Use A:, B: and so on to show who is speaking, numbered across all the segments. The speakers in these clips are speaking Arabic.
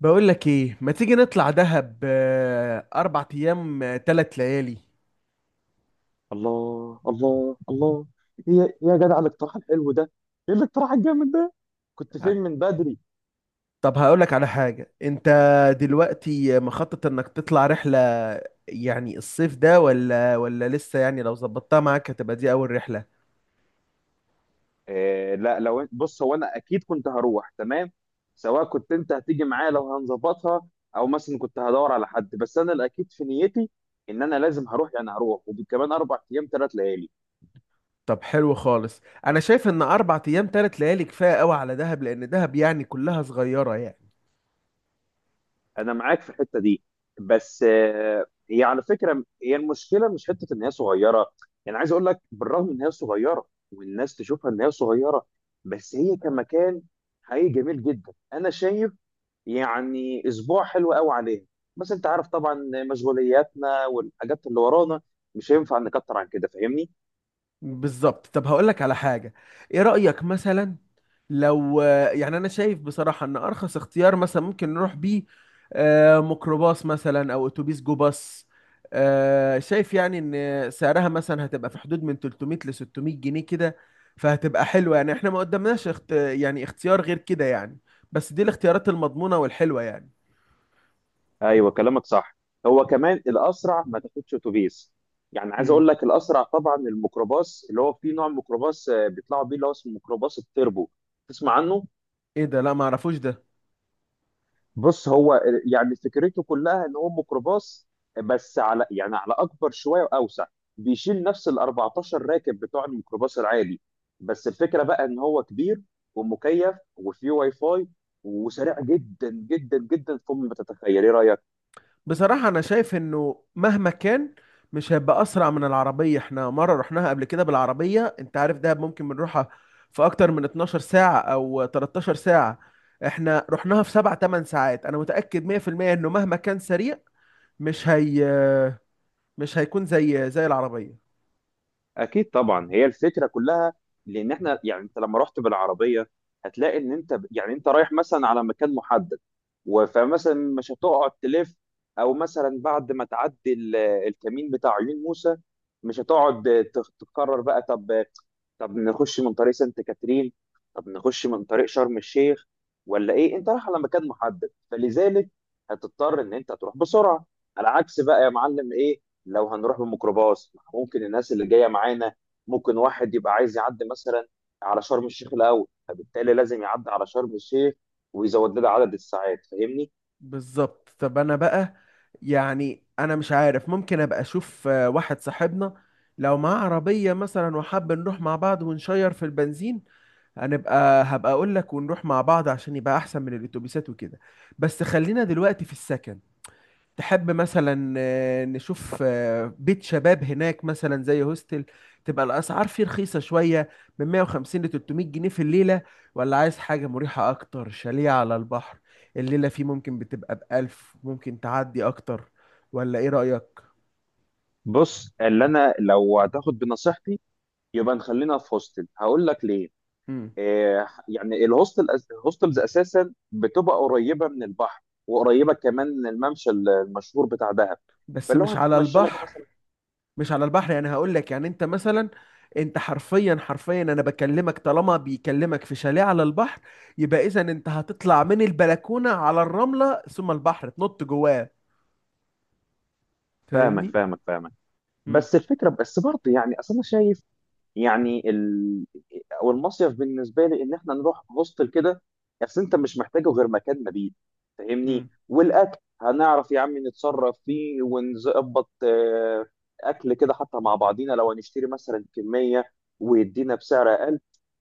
A: بقول لك ايه، ما تيجي نطلع دهب؟ اربع ايام، ثلاث ليالي.
B: الله الله الله. هي إيه يا جدع الاقتراح الحلو ده؟ ايه الاقتراح الجامد ده؟ كنت فين من بدري؟
A: طب هقول لك على حاجة. انت دلوقتي مخطط انك تطلع رحلة يعني الصيف ده ولا لسه؟ يعني لو ظبطتها معاك هتبقى دي اول رحلة.
B: إيه، لا، لو بص، هو انا اكيد كنت هروح، تمام، سواء كنت انت هتيجي معايا لو هنظبطها او مثلا كنت هدور على حد، بس انا الاكيد في نيتي ان انا لازم هروح، يعني هروح وكمان اربع ايام ثلاث ليالي.
A: طب حلو خالص، انا شايف ان اربع ايام ثلاث ليالي كفاية قوي على دهب، لان دهب يعني كلها صغيرة يعني.
B: انا معاك في الحته دي، بس هي على فكره، هي المشكله مش حته ان هي صغيره. يعني عايز اقول لك، بالرغم ان هي صغيره والناس تشوفها ان هي صغيره، بس هي كمكان حقيقي جميل جدا انا شايف يعني اسبوع حلو قوي عليها. بس انت عارف طبعا مشغولياتنا والحاجات اللي ورانا مش هينفع نكتر عن كده، فاهمني؟
A: بالظبط. طب هقول لك على حاجة، ايه رأيك مثلا لو، يعني انا شايف بصراحة ان ارخص اختيار مثلا ممكن نروح بيه، ميكروباص مثلا او اتوبيس جو باص. شايف يعني ان سعرها مثلا هتبقى في حدود من 300 ل 600 جنيه كده، فهتبقى حلوة يعني. احنا ما قدامناش يعني اختيار غير كده يعني، بس دي الاختيارات المضمونة والحلوة يعني.
B: ايوه كلامك صح. هو كمان الاسرع ما تاخدش اتوبيس. يعني عايز
A: مم.
B: اقول لك، الاسرع طبعا الميكروباص، اللي هو في نوع ميكروباص بيطلعوا بيه اللي هو اسمه ميكروباص التربو. تسمع عنه؟
A: ايه ده؟ لا ما اعرفوش ده.
B: بص، هو يعني فكرته كلها ان هو ميكروباص، بس على يعني على اكبر شويه واوسع. بيشيل نفس ال 14 راكب بتوع الميكروباص العادي، بس الفكره بقى ان هو كبير ومكيف وفيه واي فاي وسريع جدا جدا جدا فوق ما تتخيل. ايه رايك؟
A: بصراحة أنا شايف إنه مهما كان مش هيبقى أسرع من العربية. إحنا مرة رحناها قبل كده بالعربية، أنت عارف دهب ممكن بنروحها في أكتر من 12 ساعة أو 13 ساعة، إحنا رحناها في 7 8 ساعات. أنا متأكد 100% إنه مهما كان سريع مش هي، مش هيكون زي العربية.
B: اكيد طبعا، هي الفكره كلها. لان احنا يعني انت لما رحت بالعربيه، هتلاقي ان انت يعني انت رايح مثلا على مكان محدد فمثلا مش هتقعد تلف، او مثلا بعد ما تعدي الكمين بتاع عيون موسى، مش هتقعد تتكرر بقى. طب، طب نخش من طريق سانت كاترين، طب نخش من طريق شرم الشيخ، ولا ايه؟ انت رايح على مكان محدد، فلذلك هتضطر ان انت تروح بسرعه. على عكس بقى يا معلم، ايه، لو هنروح بالميكروباص ممكن الناس اللي جايه معانا، ممكن واحد يبقى عايز يعدي مثلا على شرم الشيخ الاول، فبالتالي لازم يعدي على شرم الشيخ ويزود لنا عدد الساعات، فاهمني؟
A: بالظبط. طب أنا بقى، يعني أنا مش عارف، ممكن أبقى أشوف واحد صاحبنا لو معاه عربية مثلا وحاب نروح مع بعض ونشير في البنزين، هبقى اقول لك ونروح مع بعض عشان يبقى احسن من الاتوبيسات وكده. بس خلينا دلوقتي في السكن. تحب مثلا نشوف بيت شباب هناك مثلا زي هوستل؟ تبقى الاسعار فيه رخيصة شوية من 150 ل 300 جنيه في الليلة، ولا عايز حاجة مريحة اكتر، شاليه على البحر، الليلة فيه ممكن بتبقى ب 1000 ممكن تعدي اكتر؟ ولا ايه رأيك؟
B: بص، اللي انا لو هتاخد بنصيحتي، يبقى نخلينا في هوستل. هقول لك ليه.
A: مم.
B: يعني الهوستل، الهوستلز اساسا بتبقى قريبه من البحر وقريبه كمان من الممشى المشهور بتاع دهب،
A: بس
B: فلو
A: مش على
B: هتتمشى لك
A: البحر.
B: مثلا.
A: مش على البحر يعني هقول لك، يعني انت مثلا، انت حرفيا حرفيا انا بكلمك طالما بيكلمك في شاليه على البحر يبقى اذا انت هتطلع من البلكونه على الرمله ثم البحر تنط جواه،
B: فاهمك
A: فاهمني؟
B: فاهمك فاهمك.
A: امم.
B: بس الفكره، بس برضه يعني اصل انا شايف يعني او المصيف بالنسبه لي ان احنا نروح هوستل كده. اصل انت مش محتاجه غير مكان مبيت، فاهمني؟
A: امم.
B: والاكل هنعرف يا عم نتصرف فيه ونظبط اكل كده، حتى مع بعضينا لو هنشتري مثلا كميه ويدينا بسعر اقل،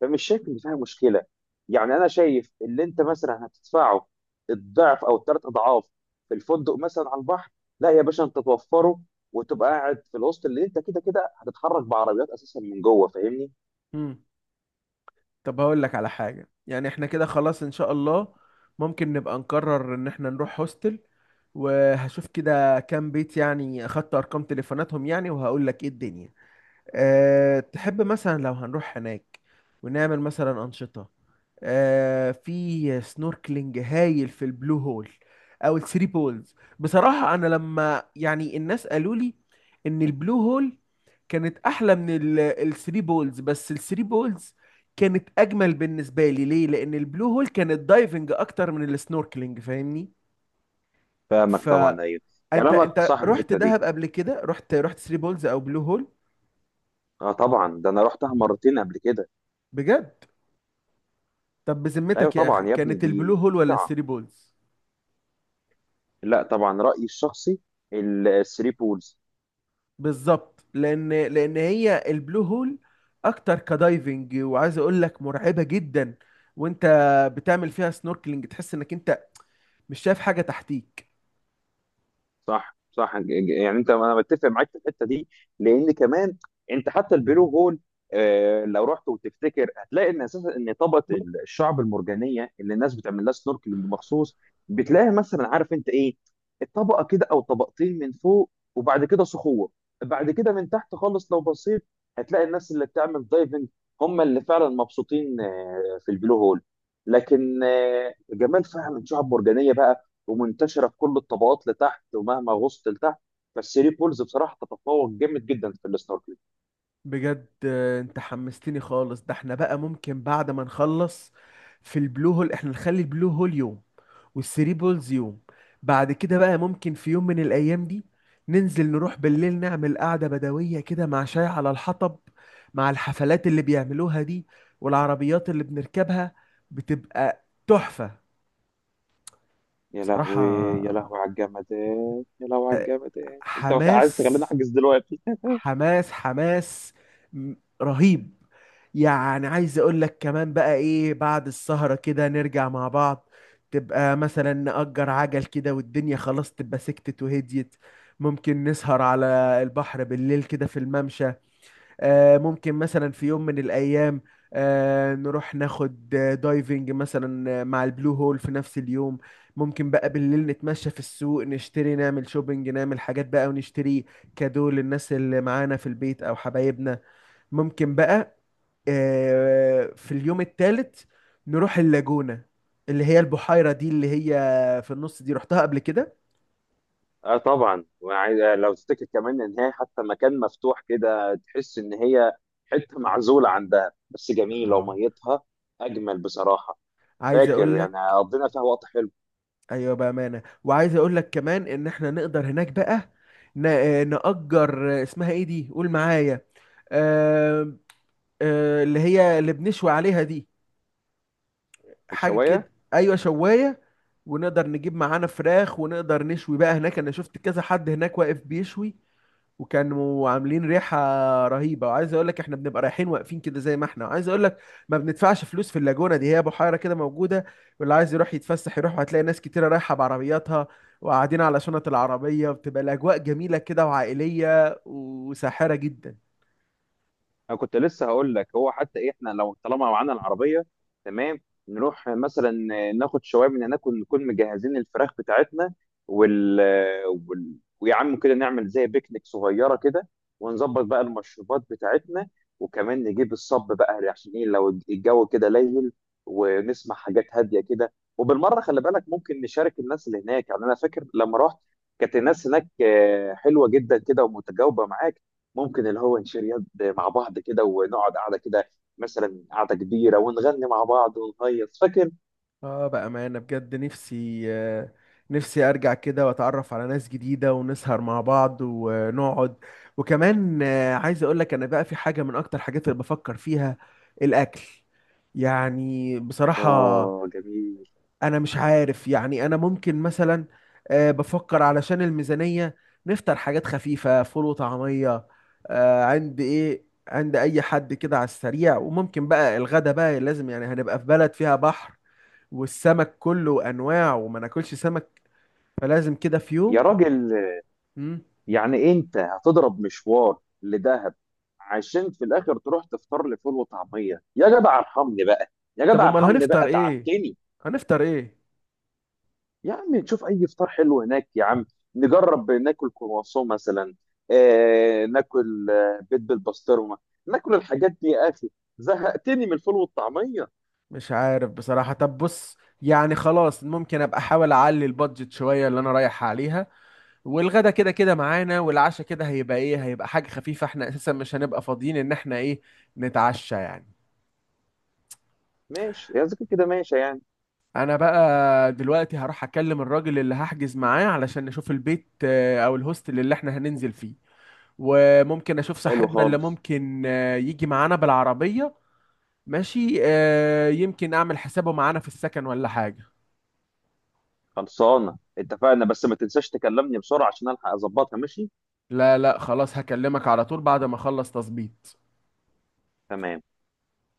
B: فمش شايف ان فيها مشكله. يعني انا شايف اللي انت مثلا هتدفعه الضعف او الثلاث اضعاف في الفندق مثلا على البحر، لا يا باشا انت توفره وتبقى قاعد في الوسط، اللي انت كده كده هتتحرك بعربيات اساسا من جوه، فاهمني؟
A: امم. طب هقول لك على حاجه، يعني احنا كده خلاص ان شاء الله ممكن نبقى نقرر ان احنا نروح هوستل، وهشوف كده كام بيت يعني، اخدت ارقام تليفوناتهم يعني، وهقول لك ايه الدنيا. أه تحب مثلا لو هنروح هناك ونعمل مثلا أنشطة؟ أه في سنوركلينج هايل في البلو هول أو الثري بولز. بصراحة أنا لما يعني الناس قالوا لي إن البلو هول كانت أحلى من الثري بولز، بس الثري بولز كانت أجمل بالنسبة لي. ليه؟ لأن البلو هول كانت دايفنج أكتر من السنوركلينج، فاهمني؟
B: فاهمك طبعا. ايوه
A: فأنت،
B: كلامك
A: أنت
B: صح في
A: رحت
B: الحته دي.
A: دهب قبل كده؟ رحت ثري بولز أو بلو هول؟
B: اه طبعا، ده انا رحتها مرتين قبل كده.
A: بجد؟ طب
B: ايوه
A: بذمتك يا اخي،
B: طبعا يا ابني،
A: كانت البلو
B: دي
A: هول ولا
B: فظيعه.
A: الثري بولز؟
B: لا، طبعا رايي الشخصي الثري بولز.
A: بالظبط، لان هي البلو هول اكتر كدايفنج، وعايز اقول لك مرعبه جدا، وانت بتعمل فيها سنوركلينج تحس انك انت مش شايف حاجه تحتيك.
B: صح صح، يعني انت، انا بتفق معاك في الحته دي. لان كمان انت حتى البلو هول، لو رحت وتفتكر، هتلاقي ان اساسا ان طبقه الشعب المرجانيه اللي الناس بتعمل لها سنوركلينج مخصوص، بتلاقي مثلا، عارف انت ايه، الطبقه كده او طبقتين من فوق وبعد كده صخور، بعد كده من تحت خالص لو بصيت هتلاقي الناس اللي بتعمل دايفنج هم اللي فعلا مبسوطين في البلو هول. لكن جمال فعلا شعب مرجانيه بقى ومنتشره في كل الطبقات لتحت ومهما غصت لتحت، بس ري بولز بصراحه تتفوق جامد جدا في السنوركلينج.
A: بجد. انت حمستني خالص. ده احنا بقى ممكن بعد ما نخلص في البلو هول، احنا نخلي البلو هول يوم والثري بولز يوم، بعد كده بقى ممكن في يوم من الايام دي ننزل نروح بالليل نعمل قعدة بدوية كده مع شاي على الحطب، مع الحفلات اللي بيعملوها دي، والعربيات اللي بنركبها بتبقى تحفة
B: يا لهوي،
A: بصراحة.
B: يا لهوي على الجمدان، يا لهوي على
A: آه،
B: الجمدان، انت مش عايز
A: حماس،
B: تخليني احجز دلوقتي؟
A: حماس، حماس، م- رهيب. يعني عايز اقول لك كمان بقى ايه، بعد السهرة كده نرجع مع بعض، تبقى مثلا نأجر عجل كده، والدنيا خلاص تبقى سكتت وهديت، ممكن نسهر على البحر بالليل كده في الممشى. ممكن مثلا في يوم من الأيام نروح ناخد دايفنج مثلا مع البلو هول في نفس اليوم. ممكن بقى بالليل نتمشى في السوق، نشتري نعمل شوبينج، نعمل حاجات بقى ونشتري كادو للناس اللي معانا في البيت أو حبايبنا. ممكن بقى في اليوم الثالث نروح اللاجونة، اللي هي البحيرة دي اللي هي في النص دي، رحتها قبل كده.
B: اه طبعا، وعايز لو تفتكر كمان ان هي حتى مكان مفتوح كده، تحس ان هي حته معزوله عن دهب، بس جميله
A: اه.
B: وميتها اجمل بصراحه.
A: عايز
B: فاكر
A: اقول،
B: يعني قضينا فيها وقت حلو.
A: ايوه بامانه. وعايز اقول لك كمان ان احنا نقدر هناك بقى، نأجر، اسمها ايه دي؟ قول معايا. آه، اللي هي اللي بنشوي عليها دي، حاجه كده.
B: الشوايه.
A: ايوه، شوايه. ونقدر نجيب معانا فراخ ونقدر نشوي بقى هناك. انا شفت كذا حد هناك واقف بيشوي وكانوا عاملين ريحة رهيبة. وعايز اقول لك احنا بنبقى رايحين واقفين كده زي ما احنا، وعايز اقول لك ما بندفعش فلوس في اللاجونة دي، هي بحيرة كده موجودة واللي عايز يروح يتفسح يروح، وهتلاقي ناس كتيرة رايحة بعربياتها وقاعدين على شنط العربية، بتبقى الأجواء جميلة كده، وعائلية وساحرة جدا.
B: انا كنت لسه هقول لك، هو حتى إيه، احنا لو طالما معانا العربيه، تمام، نروح مثلا ناخد شويه من هناك، ونكون مجهزين الفراخ بتاعتنا وال, ويا عم كده نعمل زي بيكنيك صغيره كده، ونظبط بقى المشروبات بتاعتنا، وكمان نجيب الصب بقى عشان ايه لو الجو كده ليل، ونسمع حاجات هاديه كده. وبالمره خلي بالك ممكن نشارك الناس اللي هناك. يعني انا فاكر لما رحت كانت الناس هناك حلوه جدا كده ومتجاوبه معاك، ممكن اللي هو نشير يد مع بعض كده ونقعد قعده كده، مثلا قعده كبيره ونغني مع بعض ونهيص، فاكر.
A: اه بأمانة بجد، نفسي، نفسي ارجع كده واتعرف على ناس جديدة ونسهر مع بعض ونقعد. وكمان عايز اقول لك، انا بقى في حاجة من اكتر حاجات اللي بفكر فيها، الاكل. يعني
B: اه
A: بصراحة
B: جميل.
A: انا مش عارف، يعني انا ممكن مثلا بفكر علشان الميزانية نفطر حاجات خفيفة، فول وطعمية، عند ايه، عند اي حد كده على السريع. وممكن بقى الغدا بقى لازم يعني، هنبقى في بلد فيها بحر والسمك كله انواع وما ناكلش سمك، فلازم كده في
B: يا
A: يوم.
B: راجل،
A: مم.
B: يعني انت هتضرب مشوار لدهب عشان في الاخر تروح تفطر لي فول وطعميه؟ يا جدع ارحمني بقى، يا
A: طب
B: جدع
A: امال
B: ارحمني
A: هنفطر
B: بقى،
A: ايه؟
B: تعبتني.
A: هنفطر ايه؟
B: يا عم نشوف اي فطار حلو هناك يا عم، نجرب ناكل كرواسون مثلا، آه ناكل بيض بالبسطرمه، ناكل الحاجات دي يا اخي، زهقتني من الفول والطعميه.
A: مش عارف بصراحة. طب بص يعني خلاص، ممكن ابقى احاول اعلي البادجت شوية اللي انا رايح عليها. والغدا كده كده معانا، والعشاء كده هيبقى ايه، هيبقى حاجة خفيفة، احنا اساسا مش هنبقى فاضيين ان احنا ايه نتعشى يعني.
B: ماشي يا ذكر، كده ماشي يعني.
A: انا بقى دلوقتي هروح اكلم الراجل اللي هحجز معاه علشان نشوف البيت، او الهوستل اللي احنا هننزل فيه. وممكن اشوف
B: حلو
A: صاحبنا اللي
B: خالص.
A: ممكن يجي معانا بالعربية. ماشي. يمكن اعمل حسابه معانا في السكن ولا حاجة.
B: خلصانه، اتفقنا، بس ما تنساش تكلمني بسرعه عشان الحق اظبطها، ماشي؟
A: لا لا خلاص هكلمك على طول بعد ما اخلص تظبيط.
B: تمام.